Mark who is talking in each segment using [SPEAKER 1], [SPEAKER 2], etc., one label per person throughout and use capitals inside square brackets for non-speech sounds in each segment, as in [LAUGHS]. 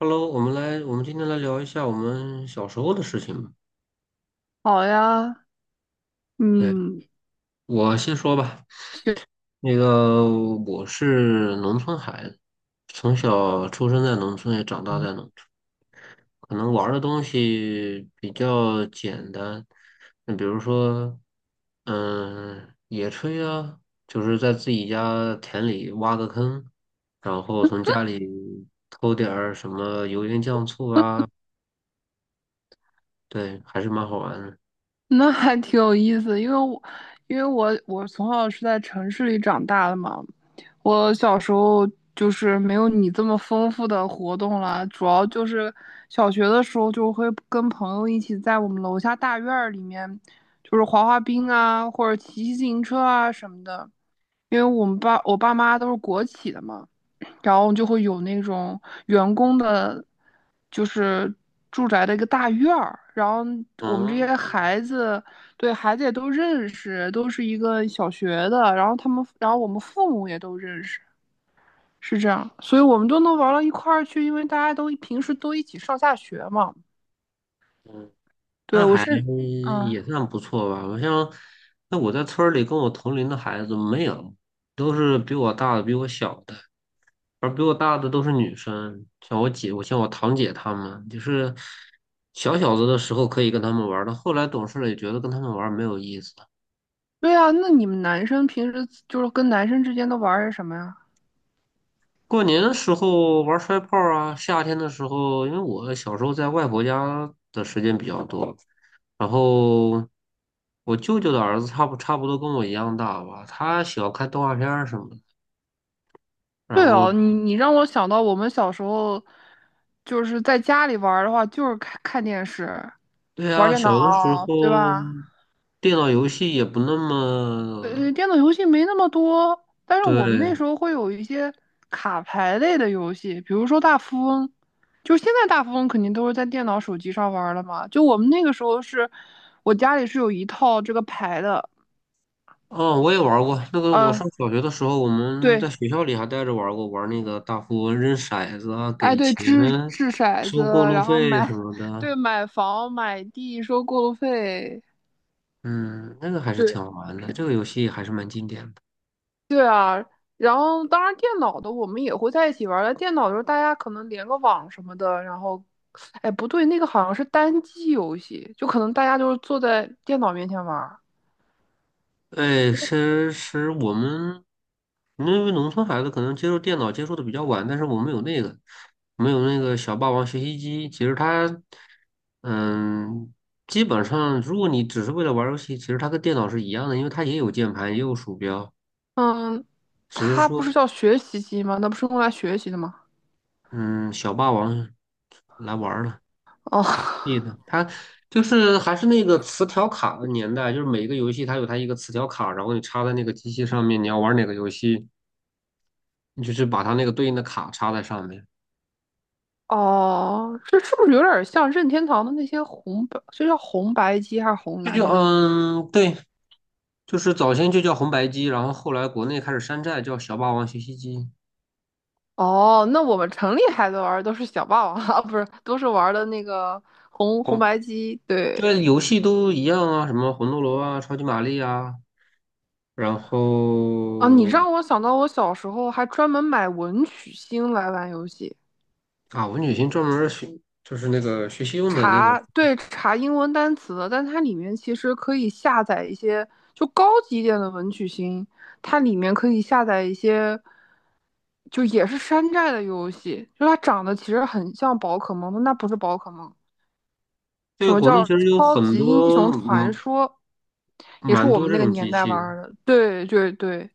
[SPEAKER 1] Hello，我们今天来聊一下我们小时候的事情吧。
[SPEAKER 2] 好呀，
[SPEAKER 1] 对，
[SPEAKER 2] 嗯，
[SPEAKER 1] 我先说吧。
[SPEAKER 2] 行，
[SPEAKER 1] 那个，我是农村孩子，从小出生在农村，也长大在农村，可能玩儿的东西比较简单。那比如说，野炊啊，就是在自己家田里挖个坑，然后从家里偷点儿什么油盐酱醋啊，对，还是蛮好玩的。
[SPEAKER 2] [LAUGHS] 那还挺有意思，因为我因为我我从小是在城市里长大的嘛，我小时候就是没有你这么丰富的活动啦，主要就是小学的时候就会跟朋友一起在我们楼下大院儿里面，就是滑滑冰啊，或者骑自行车啊什么的。因为我爸妈都是国企的嘛，然后就会有那种员工的，就是住宅的一个大院儿，然后我们这些
[SPEAKER 1] 嗯，
[SPEAKER 2] 孩子，对孩子也都认识，都是一个小学的，然后他们，然后我们父母也都认识，是这样，所以我们都能玩到一块儿去，因为大家都平时都一起上下学嘛。
[SPEAKER 1] 嗯，
[SPEAKER 2] 对，
[SPEAKER 1] 那还
[SPEAKER 2] 嗯，
[SPEAKER 1] 也算不错吧。那我在村儿里跟我同龄的孩子没有，都是比我大的、比我小的，而比我大的都是女生，像我姐、我堂姐她们，就是小小子的时候可以跟他们玩儿的，后来懂事了也觉得跟他们玩儿没有意思了。
[SPEAKER 2] 对啊，那你们男生平时就是跟男生之间都玩儿些什么呀？
[SPEAKER 1] 过年的时候玩摔炮啊，夏天的时候，因为我小时候在外婆家的时间比较多，然后我舅舅的儿子差不多跟我一样大吧，他喜欢看动画片儿什么的。然
[SPEAKER 2] 对哦，
[SPEAKER 1] 后，
[SPEAKER 2] 你让我想到我们小时候，就是在家里玩儿的话，就是看看电视、
[SPEAKER 1] 对
[SPEAKER 2] 玩儿
[SPEAKER 1] 啊，
[SPEAKER 2] 电脑，
[SPEAKER 1] 小的时
[SPEAKER 2] 对
[SPEAKER 1] 候
[SPEAKER 2] 吧？
[SPEAKER 1] 电脑游戏也不那么。
[SPEAKER 2] 电脑游戏没那么多，但是我们那时
[SPEAKER 1] 对。
[SPEAKER 2] 候会有一些卡牌类的游戏，比如说大富翁。就现在大富翁肯定都是在电脑、手机上玩儿了嘛。就我们那个时候是，我家里是有一套这个牌的，
[SPEAKER 1] 哦，我也玩过那个。我
[SPEAKER 2] 嗯，
[SPEAKER 1] 上小学的时候，我们在
[SPEAKER 2] 对，
[SPEAKER 1] 学校里还带着玩过，玩那个大富翁扔骰子啊，
[SPEAKER 2] 哎
[SPEAKER 1] 给
[SPEAKER 2] 对，
[SPEAKER 1] 钱、
[SPEAKER 2] 掷掷骰子，
[SPEAKER 1] 收过路
[SPEAKER 2] 然后
[SPEAKER 1] 费什么
[SPEAKER 2] [LAUGHS]
[SPEAKER 1] 的。
[SPEAKER 2] 对，买房买地收过路费。
[SPEAKER 1] 嗯，那个还是
[SPEAKER 2] 对，
[SPEAKER 1] 挺好玩的，这个游戏还是蛮经典的。
[SPEAKER 2] 然后当然电脑的我们也会在一起玩儿，但电脑的时候大家可能连个网什么的，然后，哎，不对，那个好像是单机游戏，就可能大家就是坐在电脑面前玩儿。
[SPEAKER 1] 哎，其实我们，因为农村孩子可能接触电脑接触的比较晚，但是我们有那个小霸王学习机。其实它，嗯，基本上如果你只是为了玩儿游戏，其实它跟电脑是一样的，因为它也有键盘，也有鼠标，
[SPEAKER 2] 嗯，
[SPEAKER 1] 只是
[SPEAKER 2] 它不是
[SPEAKER 1] 说，
[SPEAKER 2] 叫学习机吗？那不是用来学习的吗？
[SPEAKER 1] 嗯，小霸王来玩儿了。
[SPEAKER 2] 哦
[SPEAKER 1] 对
[SPEAKER 2] [LAUGHS]
[SPEAKER 1] 的，它就是还是那个磁条卡的年代，就是每个游戏它有它一个磁条卡，然后你插在那个机器上面，你要玩哪个游戏。你就是把它那个对应的卡插在上面，
[SPEAKER 2] 哦，这是不是有点像任天堂的那些这叫红白机还是红
[SPEAKER 1] 这就
[SPEAKER 2] 蓝机？
[SPEAKER 1] 嗯，对，就是早先就叫红白机，然后后来国内开始山寨叫小霸王学习机，
[SPEAKER 2] 哦，那我们城里孩子玩儿都是小霸王 [LAUGHS] 啊，不是，都是玩儿的那个红红
[SPEAKER 1] 红，
[SPEAKER 2] 白机，对。
[SPEAKER 1] 对，游戏都一样啊，什么魂斗罗啊、超级玛丽啊，然
[SPEAKER 2] 啊，你
[SPEAKER 1] 后。
[SPEAKER 2] 让我想到我小时候还专门买文曲星来玩游戏，
[SPEAKER 1] 啊，文曲星专门儿学就是那个学习用的那个，
[SPEAKER 2] 对，查英文单词的，但它里面其实可以下载一些就高级一点的文曲星，它里面可以下载一些就也是山寨的游戏，就它长得其实很像宝可梦，但那不是宝可梦。什
[SPEAKER 1] 对，
[SPEAKER 2] 么
[SPEAKER 1] 国内
[SPEAKER 2] 叫
[SPEAKER 1] 其实有
[SPEAKER 2] 超
[SPEAKER 1] 很
[SPEAKER 2] 级英
[SPEAKER 1] 多
[SPEAKER 2] 雄传
[SPEAKER 1] 嗯
[SPEAKER 2] 说？也是
[SPEAKER 1] 蛮
[SPEAKER 2] 我
[SPEAKER 1] 多
[SPEAKER 2] 们
[SPEAKER 1] 这
[SPEAKER 2] 那个
[SPEAKER 1] 种机
[SPEAKER 2] 年代
[SPEAKER 1] 器
[SPEAKER 2] 玩
[SPEAKER 1] 的，
[SPEAKER 2] 儿的。对对对，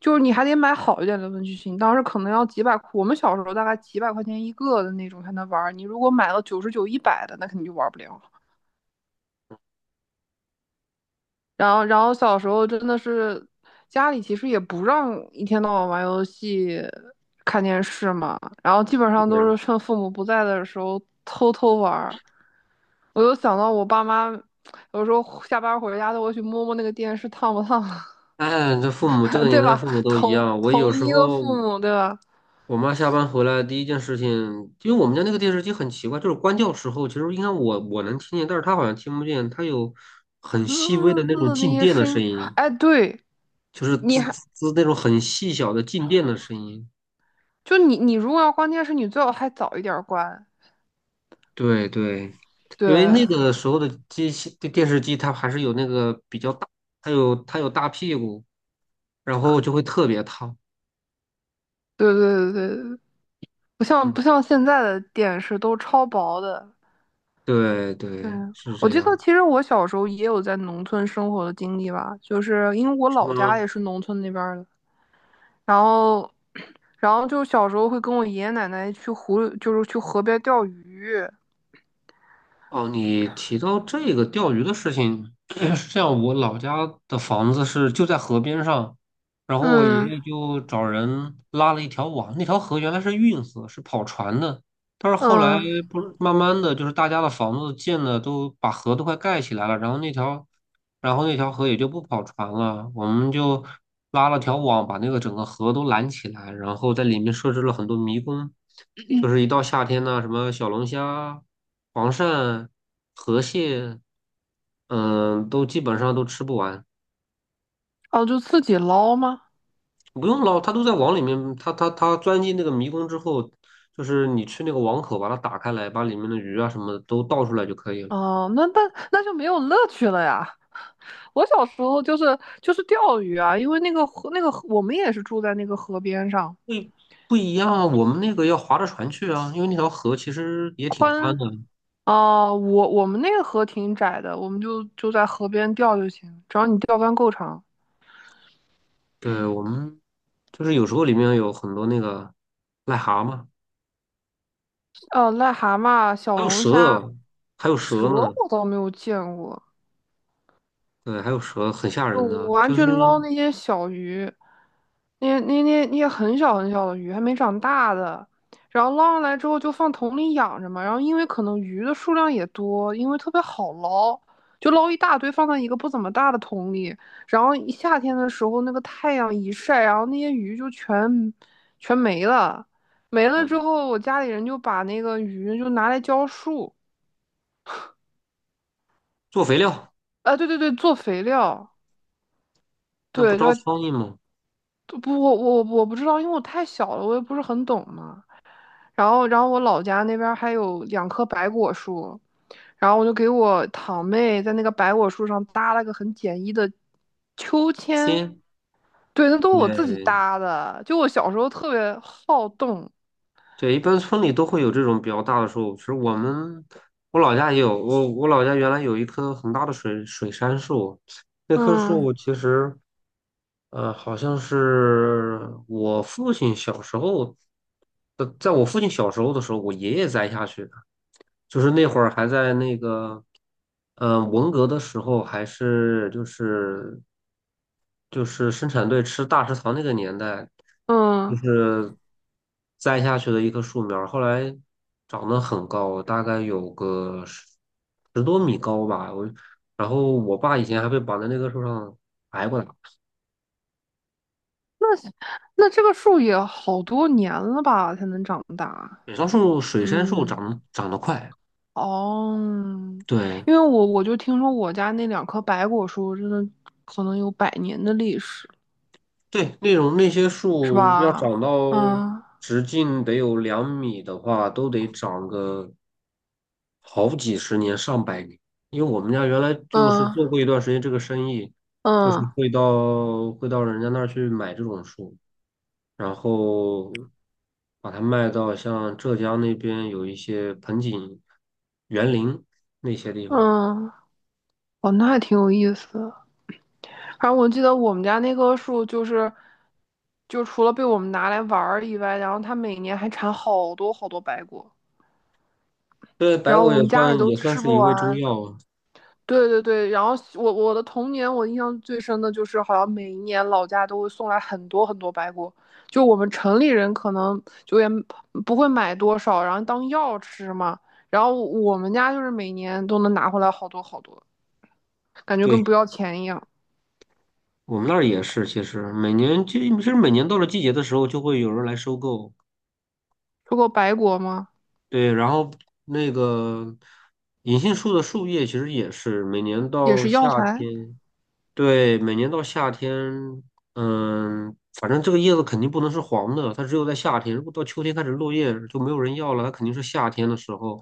[SPEAKER 2] 就是你还得买好一点的文具型，当时可能要几百，我们小时候大概几百块钱一个的那种才能玩儿。你如果买了99、100的，那肯定就玩不了。然后小时候真的是家里其实也不让一天到晚玩游戏、看电视嘛，然后基本
[SPEAKER 1] 基
[SPEAKER 2] 上
[SPEAKER 1] 本
[SPEAKER 2] 都
[SPEAKER 1] 上。
[SPEAKER 2] 是趁父母不在的时候偷偷玩儿。我就想到我爸妈有时候下班回家都会去摸摸那个电视烫不烫，
[SPEAKER 1] 哎，这父母这个
[SPEAKER 2] [LAUGHS]
[SPEAKER 1] 年
[SPEAKER 2] 对
[SPEAKER 1] 代
[SPEAKER 2] 吧？
[SPEAKER 1] 父母都一
[SPEAKER 2] 同
[SPEAKER 1] 样。我有
[SPEAKER 2] 同
[SPEAKER 1] 时
[SPEAKER 2] 一个
[SPEAKER 1] 候
[SPEAKER 2] 父母，对吧？
[SPEAKER 1] 我妈下班回来第一件事情，因为我们家那个电视机很奇怪，就是关掉时候，其实应该我能听见，但是她好像听不见，它有很
[SPEAKER 2] 滋
[SPEAKER 1] 细微
[SPEAKER 2] 滋
[SPEAKER 1] 的那
[SPEAKER 2] 滋
[SPEAKER 1] 种
[SPEAKER 2] 的那
[SPEAKER 1] 静
[SPEAKER 2] 些
[SPEAKER 1] 电的
[SPEAKER 2] 声
[SPEAKER 1] 声
[SPEAKER 2] 音，
[SPEAKER 1] 音，
[SPEAKER 2] 哎，对，
[SPEAKER 1] 就是
[SPEAKER 2] 你
[SPEAKER 1] 滋滋
[SPEAKER 2] 还
[SPEAKER 1] 滋那种很细小的静电的声音。
[SPEAKER 2] 就你你如果要关电视，你最好还早一点关。
[SPEAKER 1] 对对，
[SPEAKER 2] 对，
[SPEAKER 1] 因为那个时候的机器电视机，它还是有那个比较大，它有大屁股，然后就会特别烫。
[SPEAKER 2] 对对对对对，不像
[SPEAKER 1] 嗯，
[SPEAKER 2] 不像现在的电视都超薄的。
[SPEAKER 1] 对
[SPEAKER 2] 对，
[SPEAKER 1] 对，是
[SPEAKER 2] 我
[SPEAKER 1] 这
[SPEAKER 2] 记得
[SPEAKER 1] 样，
[SPEAKER 2] 其实我小时候也有在农村生活的经历吧，就是因为我
[SPEAKER 1] 是
[SPEAKER 2] 老家
[SPEAKER 1] 吗？
[SPEAKER 2] 也是农村那边儿的。然后，然后就小时候会跟我爷爷奶奶去湖，就是去河边钓鱼。
[SPEAKER 1] 哦，你提到这个钓鱼的事情，[CLEARS THROAT] 是这样，我老家的房子是就在河边上，然后我爷
[SPEAKER 2] 嗯
[SPEAKER 1] 爷就找人拉了一条网，那条河原来是运河，是跑船的，但是后来
[SPEAKER 2] 嗯，
[SPEAKER 1] 不是慢慢的就是大家的房子建的都把河都快盖起来了，然后那条河也就不跑船了，我们就拉了条网把那个整个河都拦起来，然后在里面设置了很多迷宫，就是一到夏天呢，什么小龙虾、黄鳝、河蟹，嗯，都基本上都吃不完，
[SPEAKER 2] 哦，就自己捞吗？
[SPEAKER 1] 不用捞，它都在网里面，它钻进那个迷宫之后，就是你去那个网口把它打开来，把里面的鱼啊什么的都倒出来就可以了。
[SPEAKER 2] 哦，那就没有乐趣了呀。我小时候就是钓鱼啊，因为那个河我们也是住在那个河边上
[SPEAKER 1] 不一不一样啊，我们那个要划着船去啊，因为那条河其实也挺宽的。
[SPEAKER 2] 哦，我们那个河挺窄的，我们就在河边钓就行，只要你钓竿够长。
[SPEAKER 1] 对，我们就是有时候里面有很多那个癞蛤蟆，
[SPEAKER 2] 哦，癞蛤蟆、小
[SPEAKER 1] 还有
[SPEAKER 2] 龙虾、
[SPEAKER 1] 蛇，还有
[SPEAKER 2] 蛇
[SPEAKER 1] 蛇呢。
[SPEAKER 2] 我倒没有见过。
[SPEAKER 1] 对，还有蛇，很吓
[SPEAKER 2] 就
[SPEAKER 1] 人的。
[SPEAKER 2] 我完
[SPEAKER 1] 就
[SPEAKER 2] 全
[SPEAKER 1] 是，
[SPEAKER 2] 捞那些小鱼，那些很小很小的鱼，还没长大的，然后捞上来之后就放桶里养着嘛。然后因为可能鱼的数量也多，因为特别好捞，就捞一大堆放在一个不怎么大的桶里。然后一夏天的时候，那个太阳一晒，然后那些鱼就全没了。没了之
[SPEAKER 1] 嗯，
[SPEAKER 2] 后，我家里人就把那个鱼就拿来浇树，
[SPEAKER 1] 做肥料，
[SPEAKER 2] 啊，对对对，做肥料，
[SPEAKER 1] 那不
[SPEAKER 2] 对，就
[SPEAKER 1] 招苍蝇吗？
[SPEAKER 2] 不，我不知道，因为我太小了，我也不是很懂嘛。然后我老家那边还有两棵白果树，然后我就给我堂妹在那个白果树上搭了个很简易的秋千，
[SPEAKER 1] 鲜。
[SPEAKER 2] 对，那都是我自己
[SPEAKER 1] 对，
[SPEAKER 2] 搭的。就我小时候特别好动，
[SPEAKER 1] 对，一般村里都会有这种比较大的树。其实我们，我老家也有，我我老家原来有一棵很大的水杉树，那棵
[SPEAKER 2] 嗯
[SPEAKER 1] 树其实，呃，好像是我父亲小时候，呃，在我父亲小时候的时候，我爷爷栽下去的。就是那会儿还在那个，文革的时候，还是就是生产队吃大食堂那个年代，就
[SPEAKER 2] 嗯，
[SPEAKER 1] 是栽下去的一棵树苗儿后来长得很高，大概有个十多米高吧。然后我爸以前还被绑在那棵树上挨过打。
[SPEAKER 2] 那这个树也好多年了吧才能长大，
[SPEAKER 1] 水杉树
[SPEAKER 2] 嗯。
[SPEAKER 1] 长得快，
[SPEAKER 2] 哦，
[SPEAKER 1] 对，
[SPEAKER 2] 因为我就听说我家那两棵白果树真的可能有百年的历史。
[SPEAKER 1] 对，那些
[SPEAKER 2] 是
[SPEAKER 1] 树要
[SPEAKER 2] 吧？
[SPEAKER 1] 长到
[SPEAKER 2] 嗯
[SPEAKER 1] 直径得有两米的话，都得长个好几十年、上百年。因为我们家原来就是做
[SPEAKER 2] 嗯
[SPEAKER 1] 过一段时间这个生意，就是
[SPEAKER 2] 嗯
[SPEAKER 1] 会到人家那儿去买这种树，然后把它卖到像浙江那边有一些盆景、园林那些地方。
[SPEAKER 2] 嗯，哦，那还挺有意思的。反正我记得我们家那棵树就是，就除了被我们拿来玩儿以外，然后它每年还产好多好多白果，
[SPEAKER 1] 对，白
[SPEAKER 2] 然后
[SPEAKER 1] 果
[SPEAKER 2] 我
[SPEAKER 1] 也
[SPEAKER 2] 们家里
[SPEAKER 1] 算
[SPEAKER 2] 都
[SPEAKER 1] 也算
[SPEAKER 2] 吃
[SPEAKER 1] 是
[SPEAKER 2] 不
[SPEAKER 1] 一味中
[SPEAKER 2] 完。
[SPEAKER 1] 药啊。
[SPEAKER 2] 对对对，然后我的童年，我印象最深的就是，好像每一年老家都会送来很多很多白果，就我们城里人可能就也不会买多少，然后当药吃嘛。然后我们家就是每年都能拿回来好多好多，感觉跟
[SPEAKER 1] 对。
[SPEAKER 2] 不要钱一样。
[SPEAKER 1] 我们那儿也是，其实每年到了季节的时候，就会有人来收购。
[SPEAKER 2] 说过白果吗？
[SPEAKER 1] 对，然后那个银杏树的树叶其实也是每年
[SPEAKER 2] 也
[SPEAKER 1] 到
[SPEAKER 2] 是
[SPEAKER 1] 夏
[SPEAKER 2] 药材，
[SPEAKER 1] 天。对，每年到夏天，嗯，反正这个叶子肯定不能是黄的，它只有在夏天。如果到秋天开始落叶，就没有人要了，它肯定是夏天的时候。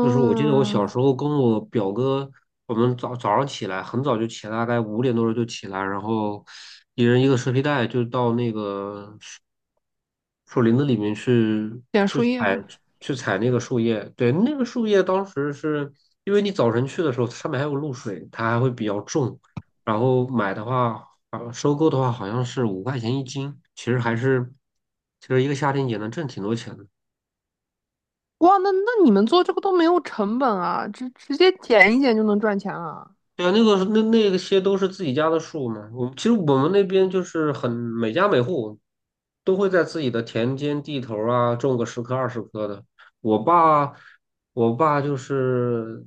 [SPEAKER 1] 就是我记得我小时候跟我表哥，我们早上起来很早就起来，大概5点多钟就起来，然后一人一个蛇皮袋，就到那个树林子里面
[SPEAKER 2] 捡树叶啊。
[SPEAKER 1] 去采那个树叶，对，那个树叶当时是因为你早晨去的时候，上面还有露水，它还会比较重，然后买的话，啊，收购的话好像是5块钱一斤，其实一个夏天也能挣挺多钱的。
[SPEAKER 2] 哇，那你们做这个都没有成本啊，直接捡一捡就能赚钱了。
[SPEAKER 1] 对啊，那些都是自己家的树嘛。我其实我们那边就是很每家每户都会在自己的田间地头儿啊种个10棵20棵的。我爸，我爸就是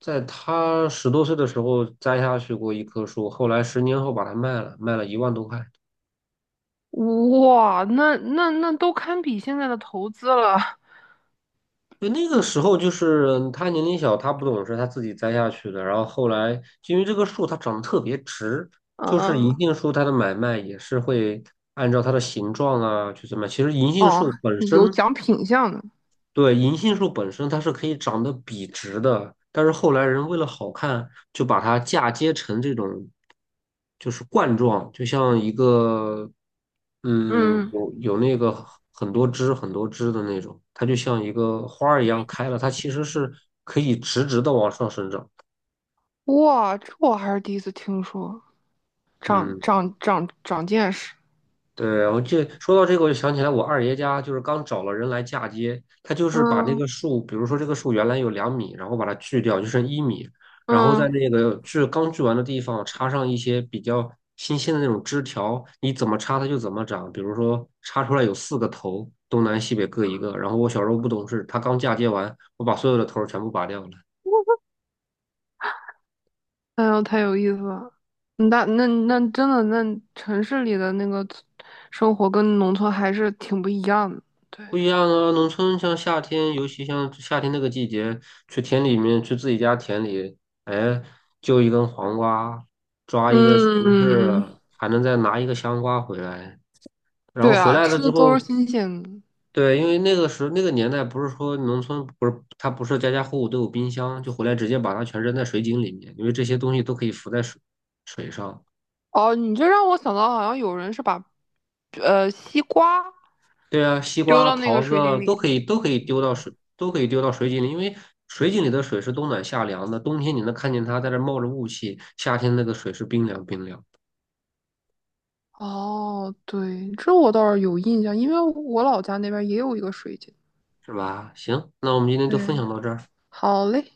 [SPEAKER 1] 在他10多岁的时候栽下去过一棵树，后来10年后把它卖了，卖了1万多块。
[SPEAKER 2] 哇，那都堪比现在的投资了。
[SPEAKER 1] 就那个时候，就是他年龄小，他不懂事，他自己栽下去的。然后后来，就因为这个树它长得特别直，就是银
[SPEAKER 2] 嗯，
[SPEAKER 1] 杏树它的买卖也是会按照它的形状啊去怎么样其实银杏
[SPEAKER 2] 哦，
[SPEAKER 1] 树本
[SPEAKER 2] 有
[SPEAKER 1] 身
[SPEAKER 2] 讲品相的。
[SPEAKER 1] 对，银杏树本身它是可以长得笔直的，但是后来人为了好看，就把它嫁接成这种，就是冠状，就像一个，
[SPEAKER 2] 嗯，
[SPEAKER 1] 有那个很多枝很多枝的那种，它就像一个花儿一样开了，它其实是可以直直的往上生长。
[SPEAKER 2] 哇，这我还是第一次听说，长
[SPEAKER 1] 嗯。
[SPEAKER 2] 长长长见识。
[SPEAKER 1] 对，我这说到这个，我就想起来，我二爷家就是刚找了人来嫁接，他就是把那
[SPEAKER 2] 嗯
[SPEAKER 1] 个树，比如说这个树原来有两米，然后把它锯掉，就剩1米，然后在
[SPEAKER 2] 嗯，
[SPEAKER 1] 那个锯刚锯完的地方插上一些比较新鲜的那种枝条，你怎么插它就怎么长。比如说插出来有四个头，东南西北各一个。然后我小时候不懂事，他刚嫁接完，我把所有的头儿全部拔掉了。
[SPEAKER 2] 哎呦，太有意思了。那真的，那城市里的那个生活跟农村还是挺不一样的。对，
[SPEAKER 1] 不一样啊，农村像夏天，尤其像夏天那个季节，去田里面，去自己家田里，哎，揪一根黄瓜，抓一个西红柿
[SPEAKER 2] 嗯，
[SPEAKER 1] 啊，还能再拿一个香瓜回来。然后
[SPEAKER 2] 对
[SPEAKER 1] 回
[SPEAKER 2] 啊，
[SPEAKER 1] 来了
[SPEAKER 2] 吃
[SPEAKER 1] 之
[SPEAKER 2] 的都是
[SPEAKER 1] 后，
[SPEAKER 2] 新鲜的。
[SPEAKER 1] 对，因为那个时候那个年代，不是说农村不是它不是家家户户都有冰箱，就回来直接把它全扔在水井里面，因为这些东西都可以浮在水上。
[SPEAKER 2] 哦，你这让我想到，好像有人是把西瓜。
[SPEAKER 1] 对啊，西
[SPEAKER 2] 丢
[SPEAKER 1] 瓜、
[SPEAKER 2] 到那个
[SPEAKER 1] 桃子
[SPEAKER 2] 水
[SPEAKER 1] 啊
[SPEAKER 2] 井
[SPEAKER 1] 都
[SPEAKER 2] 里。
[SPEAKER 1] 可以，都可以丢到水井里，因为水井里的水是冬暖夏凉的，冬天你能看见它在这冒着雾气，夏天那个水是冰凉冰凉，
[SPEAKER 2] 哦，对，这我倒是有印象，因为我老家那边也有一个水井。
[SPEAKER 1] 是吧？行，那我们今天
[SPEAKER 2] 对，
[SPEAKER 1] 就分享到这儿。
[SPEAKER 2] 好嘞，